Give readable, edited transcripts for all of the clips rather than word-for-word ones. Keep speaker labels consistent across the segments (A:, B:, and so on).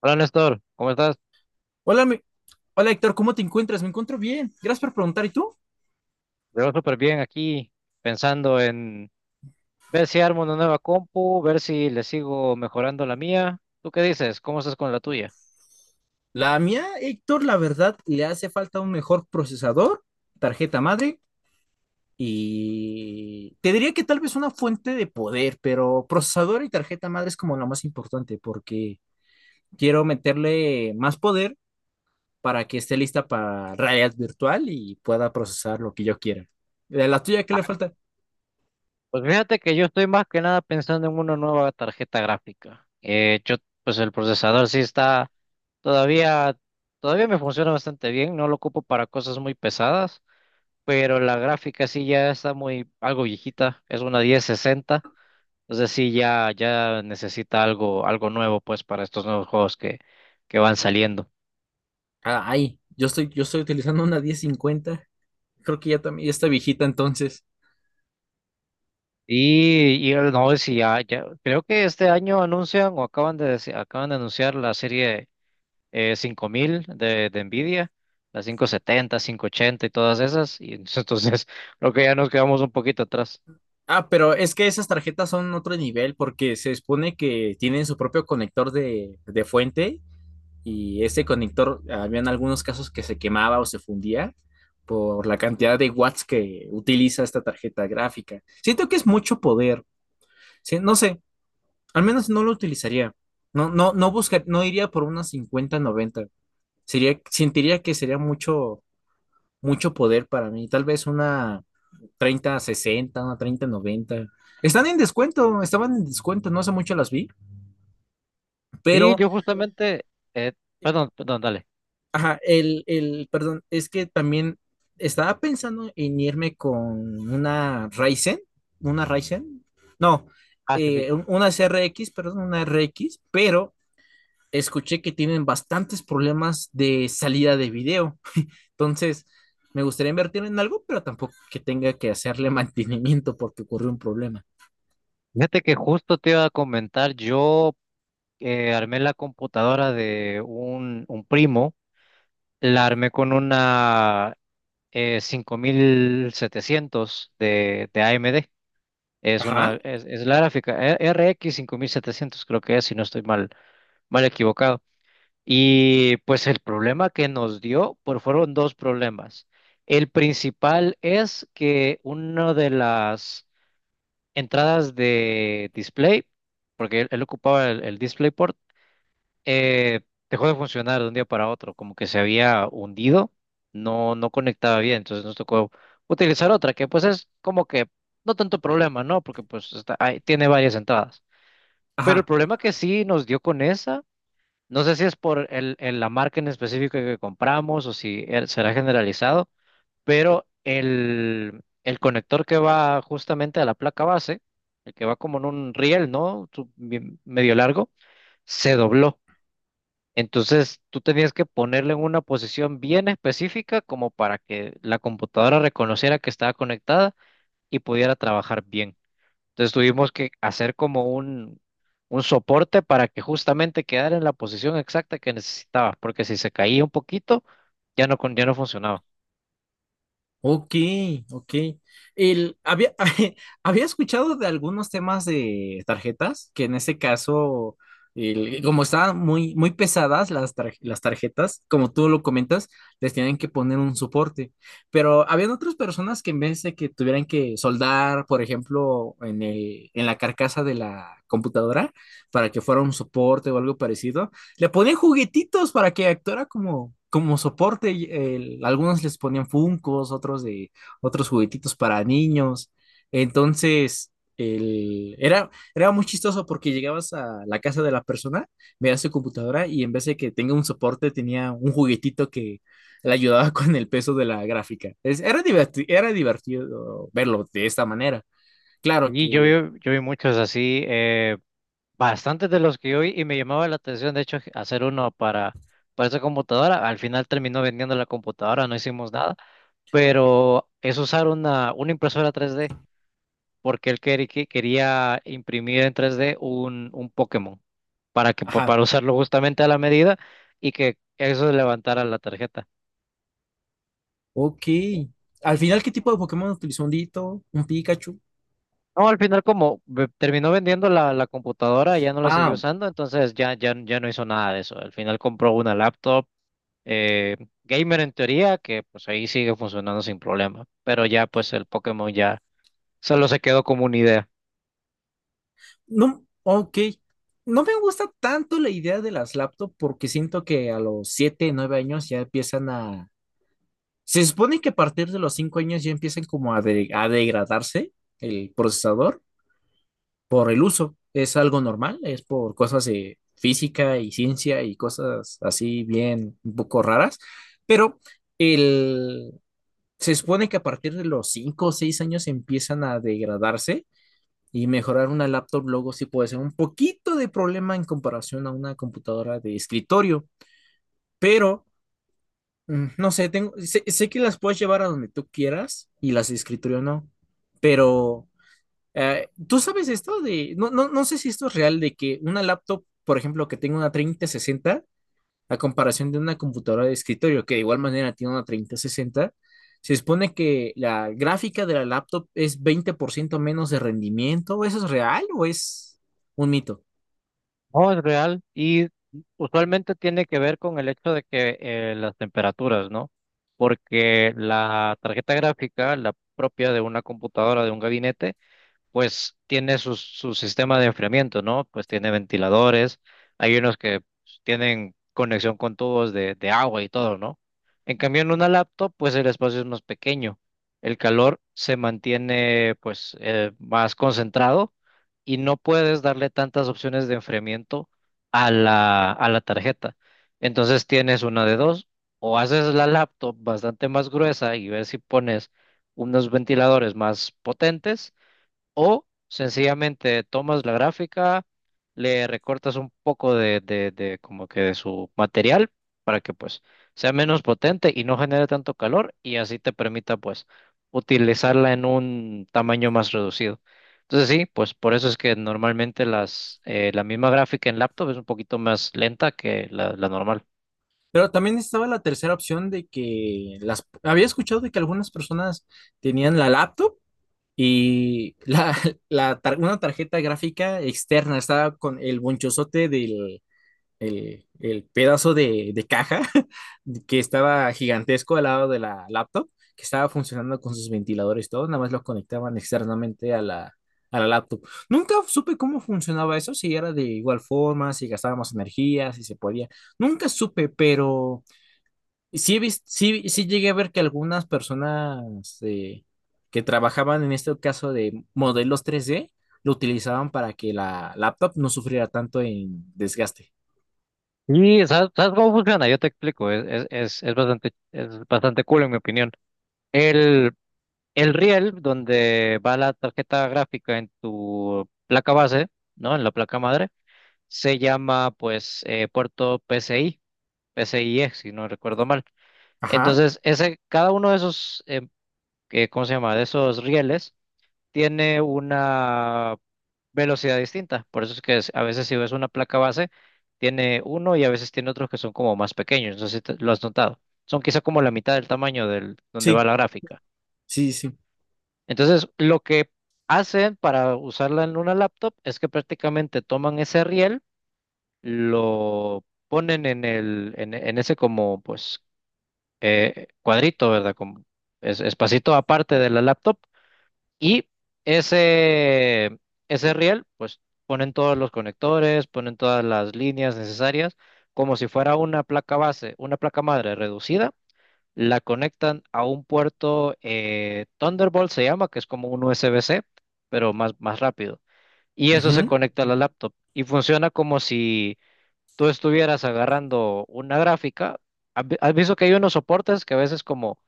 A: Hola Néstor, ¿cómo estás?
B: Hola, mi- Hola, Héctor, ¿cómo te encuentras? Me encuentro bien. Gracias por preguntar. ¿Y tú?
A: Te veo súper bien aquí, pensando en ver si armo una nueva compu, ver si le sigo mejorando la mía. ¿Tú qué dices? ¿Cómo estás con la tuya?
B: La mía, Héctor, la verdad, le hace falta un mejor procesador, tarjeta madre, y te diría que tal vez una fuente de poder, pero procesador y tarjeta madre es como lo más importante, porque quiero meterle más poder para que esté lista para realidad virtual y pueda procesar lo que yo quiera. ¿De la tuya qué le falta?
A: Pues fíjate que yo estoy más que nada pensando en una nueva tarjeta gráfica. Pues el procesador sí está todavía, todavía me funciona bastante bien, no lo ocupo para cosas muy pesadas, pero la gráfica sí ya está muy algo viejita, es una 1060. O sea sí, ya necesita algo nuevo pues para estos nuevos juegos que van saliendo.
B: Ah, ahí, yo estoy utilizando una 1050. Creo que ya también ya está viejita entonces.
A: No, si ya, creo que este año anuncian o acaban acaban de anunciar la serie 5000 de Nvidia, la 5070, 5080 y todas esas. Y entonces creo que ya nos quedamos un poquito atrás.
B: Ah, pero es que esas tarjetas son otro nivel porque se supone que tienen su propio conector de fuente, y ese conector, habían algunos casos que se quemaba o se fundía por la cantidad de watts que utiliza esta tarjeta gráfica. Siento que es mucho poder. Sí, no sé, al menos no lo utilizaría. No, no, no iría por una 5090. Sentiría que sería mucho, mucho poder para mí. Tal vez una 30, 60 una 30, 90. Están en descuento, estaban en descuento, no hace mucho las vi,
A: Sí,
B: pero,
A: yo justamente, eh, dale.
B: ajá, perdón, es que también estaba pensando en irme con una Ryzen, una Ryzen, no,
A: Ah, sí, sí.
B: una CRX, perdón, una RX, pero escuché que tienen bastantes problemas de salida de video. Entonces, me gustaría invertir en algo, pero tampoco que tenga que hacerle mantenimiento porque ocurrió un problema.
A: Fíjate que justo te iba a comentar, yo armé la computadora de un primo. La armé con una 5700 de AMD.
B: Ajá,
A: Es la gráfica R X 5700 creo que es, si no estoy mal, mal equivocado. Y pues el problema que nos dio, pues fueron dos problemas. El principal es que una de las entradas de display, porque él ocupaba el DisplayPort, eh, dejó de funcionar de un día para otro, como que se había hundido, no conectaba bien, entonces nos tocó utilizar otra, que pues es como que no tanto problema, ¿no? Porque pues está, ahí tiene varias entradas. Pero el
B: ajá.
A: problema que sí nos dio con esa, no sé si es por la marca en específico que compramos o si será generalizado, pero el conector que va justamente a la placa base, el que va como en un riel, ¿no? Medio largo, se dobló. Entonces, tú tenías que ponerle en una posición bien específica como para que la computadora reconociera que estaba conectada y pudiera trabajar bien. Entonces, tuvimos que hacer como un soporte para que justamente quedara en la posición exacta que necesitaba, porque si se caía un poquito, ya no, ya no funcionaba.
B: Ok, ok. El, había, Había escuchado de algunos temas de tarjetas, que en ese caso, como estaban muy, muy pesadas las tarjetas, como tú lo comentas, les tienen que poner un soporte. Pero habían otras personas que en vez de que tuvieran que soldar, por ejemplo, en la carcasa de la computadora, para que fuera un soporte o algo parecido, le ponían juguetitos para que actuara como soporte. Y, algunos les ponían funcos, otros juguetitos para niños. Entonces, era muy chistoso porque llegabas a la casa de la persona, veías su computadora y en vez de que tenga un soporte, tenía un juguetito que le ayudaba con el peso de la gráfica. Era divertido verlo de esta manera. Claro que,
A: Yo vi muchos así, bastantes de los que yo vi y me llamaba la atención, de hecho, hacer uno para esa computadora. Al final terminó vendiendo la computadora, no hicimos nada pero es usar una impresora 3D, porque él quería imprimir en 3D un Pokémon para que
B: ajá,
A: para usarlo justamente a la medida y que eso levantara la tarjeta.
B: ok. Al final, ¿qué tipo de Pokémon utilizó? ¿Un Ditto? ¿Un Pikachu?
A: No, al final como terminó vendiendo la computadora, ya no la siguió
B: Ah,
A: usando, entonces ya no hizo nada de eso. Al final compró una laptop eh, gamer en teoría, que pues ahí sigue funcionando sin problema, pero ya pues el Pokémon ya solo se quedó como una idea.
B: no, ok. No me gusta tanto la idea de las laptops porque siento que a los 7, 9 años ya empiezan a... Se supone que a partir de los 5 años ya empiezan como a degradarse el procesador por el uso. Es algo normal, es por cosas de física y ciencia y cosas así bien un poco raras, pero el... se supone que a partir de los 5 o 6 años empiezan a degradarse. Y mejorar una laptop luego sí puede ser un poquito de problema en comparación a una computadora de escritorio, pero no sé, sé que las puedes llevar a donde tú quieras y las de escritorio no, pero ¿tú sabes esto de, no, no, no sé si esto es real, de que una laptop, por ejemplo, que tenga una 3060 a comparación de una computadora de escritorio, que de igual manera tiene una 3060, se supone que la gráfica de la laptop es 20% menos de rendimiento? ¿Eso es real o es un mito?
A: No, es real y usualmente tiene que ver con el hecho de que las temperaturas, ¿no? Porque la tarjeta gráfica, la propia de una computadora, de un gabinete, pues tiene su sistema de enfriamiento, ¿no? Pues tiene ventiladores, hay unos que pues, tienen conexión con tubos de agua y todo, ¿no? En cambio, en una laptop, pues el espacio es más pequeño, el calor se mantiene pues más concentrado y no puedes darle tantas opciones de enfriamiento a a la tarjeta. Entonces tienes una de dos, o haces la laptop bastante más gruesa y ver si pones unos ventiladores más potentes o sencillamente tomas la gráfica, le recortas un poco de como que de su material para que pues sea menos potente y no genere tanto calor y así te permita pues utilizarla en un tamaño más reducido. Entonces sí, pues por eso es que normalmente la misma gráfica en laptop es un poquito más lenta que la normal.
B: Pero también estaba la tercera opción de que las... Había escuchado de que algunas personas tenían la laptop y una tarjeta gráfica externa estaba con el bonchozote del, el pedazo de caja que estaba gigantesco al lado de la laptop, que estaba funcionando con sus ventiladores y todo, nada más lo conectaban externamente a la laptop. Nunca supe cómo funcionaba eso, si era de igual forma, si gastaba más energía, si se podía. Nunca supe, pero sí, sí, sí llegué a ver que algunas personas que trabajaban en este caso de modelos 3D lo utilizaban para que la laptop no sufriera tanto en desgaste.
A: Y ¿ sabes cómo funciona? Yo te explico, es bastante cool en mi opinión. El, El riel donde va la tarjeta gráfica en tu placa base, ¿no? En la placa madre, se llama pues puerto PCI, PCIe, si no recuerdo mal.
B: Ajá.
A: Entonces, ese, cada uno de esos, ¿cómo se llama? De esos rieles tiene una velocidad distinta. Por eso es que a veces si ves una placa base, tiene uno y a veces tiene otros que son como más pequeños. No sé si lo has notado. Son quizá como la mitad del tamaño del donde va
B: Sí,
A: la gráfica.
B: sí, sí.
A: Entonces, lo que hacen para usarla en una laptop es que prácticamente toman ese riel, lo ponen en ese como, pues, cuadrito, ¿verdad? Como espacito aparte de la laptop y ese, ese riel, pues, ponen todos los conectores, ponen todas las líneas necesarias, como si fuera una placa base, una placa madre reducida, la conectan a un puerto Thunderbolt se llama, que es como un USB-C, pero más rápido. Y eso se
B: Ujú.
A: conecta a la laptop y funciona como si tú estuvieras agarrando una gráfica. Has visto que hay unos soportes que a veces como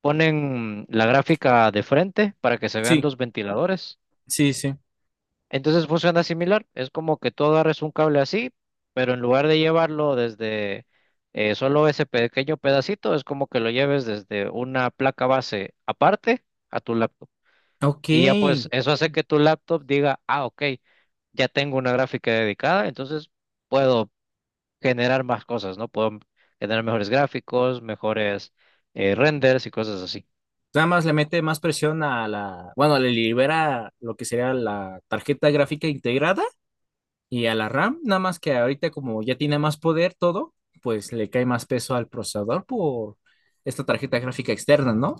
A: ponen la gráfica de frente para que se vean
B: Sí,
A: los ventiladores?
B: sí, sí.
A: Entonces funciona similar, es como que tú agarres un cable así, pero en lugar de llevarlo desde solo ese pequeño pedacito, es como que lo lleves desde una placa base aparte a tu laptop.
B: Ok.
A: Y ya pues eso hace que tu laptop diga, ah, ok, ya tengo una gráfica dedicada, entonces puedo generar más cosas, ¿no? Puedo generar mejores gráficos, mejores renders y cosas así.
B: Nada más le mete más presión bueno, le libera lo que sería la tarjeta gráfica integrada y a la RAM, nada más que ahorita como ya tiene más poder todo, pues le cae más peso al procesador por esta tarjeta gráfica externa, ¿no?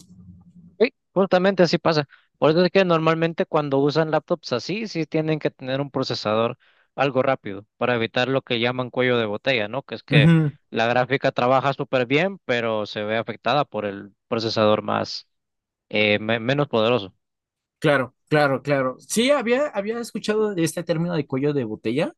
A: Sí, justamente así pasa. Por eso es que normalmente cuando usan laptops así, sí tienen que tener un procesador algo rápido para evitar lo que llaman cuello de botella, ¿no? Que es que
B: Ujú.
A: la gráfica trabaja súper bien, pero se ve afectada por el procesador más menos poderoso.
B: Claro, claro, claro. Sí, había escuchado de este término de cuello de botella.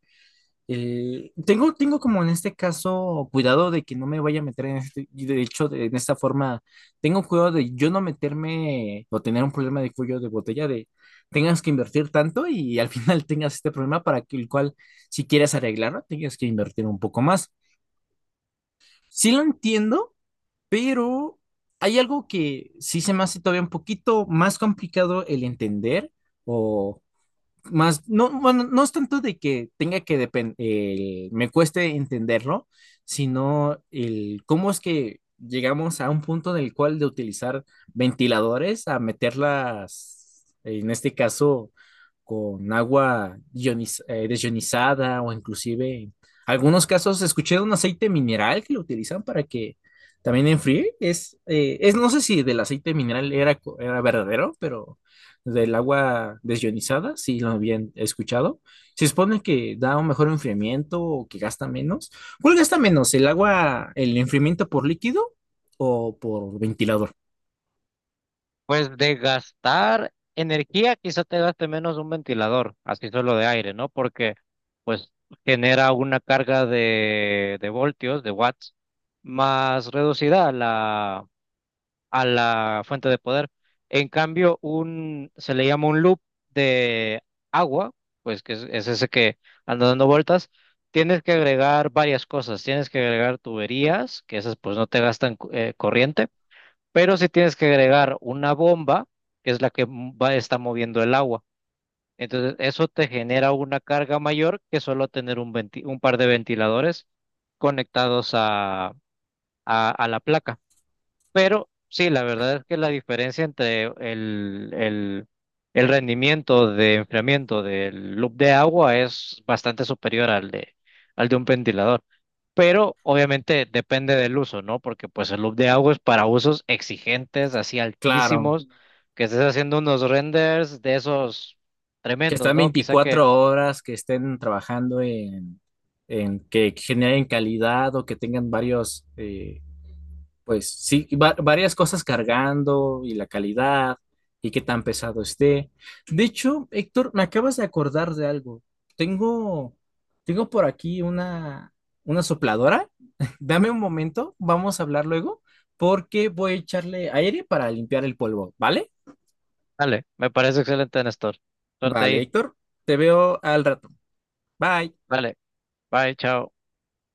B: Tengo como en este caso cuidado de que no me vaya a meter en este, y de hecho, en esta forma, tengo cuidado de yo no meterme o tener un problema de cuello de botella de tengas que invertir tanto y al final tengas este problema para que el cual, si quieres arreglarlo, tengas que invertir un poco más. Sí lo entiendo, pero hay algo que sí se me hace todavía un poquito más complicado el entender o más, no, bueno, no es tanto de que tenga que depender, me cueste entenderlo, sino el cómo es que llegamos a un punto en el cual de utilizar ventiladores a meterlas, en este caso, con agua desionizada o inclusive en algunos casos escuché de un aceite mineral que lo utilizan para que también enfríe. Es no sé si del aceite mineral era verdadero, pero del agua desionizada, sí lo habían escuchado. Se supone que da un mejor enfriamiento o que gasta menos. ¿Cuál gasta menos? ¿El agua, el enfriamiento por líquido o por ventilador?
A: Pues de gastar energía, quizá te gaste menos un ventilador, así solo de aire, ¿no? Porque pues genera una carga de voltios, de watts, más reducida la a la fuente de poder. En cambio, se le llama un loop de agua, pues que es ese que anda dando vueltas. Tienes que agregar varias cosas. Tienes que agregar tuberías, que esas pues no te gastan corriente, pero sí tienes que agregar una bomba, que es la que está moviendo el agua. Entonces, eso te genera una carga mayor que solo tener un par de ventiladores conectados a la placa. Pero sí, la verdad es que la diferencia entre el rendimiento de enfriamiento del loop de agua es bastante superior al al de un ventilador. Pero obviamente depende del uso, ¿no? Porque pues el loop de agua es para usos exigentes, así
B: Claro,
A: altísimos, que estés haciendo unos renders de esos
B: que
A: tremendos,
B: están
A: ¿no? Quizá que...
B: 24 horas, que estén trabajando en que generen calidad o que tengan varios, pues sí, varias cosas cargando y la calidad y qué tan pesado esté. De hecho, Héctor, me acabas de acordar de algo. Tengo, tengo por aquí una sopladora. Dame un momento, vamos a hablar luego, porque voy a echarle aire para limpiar el polvo, ¿vale?
A: Dale, me parece excelente, Néstor. Suerte
B: Vale,
A: ahí.
B: Héctor, te veo al rato. Bye.
A: Vale, bye, chao.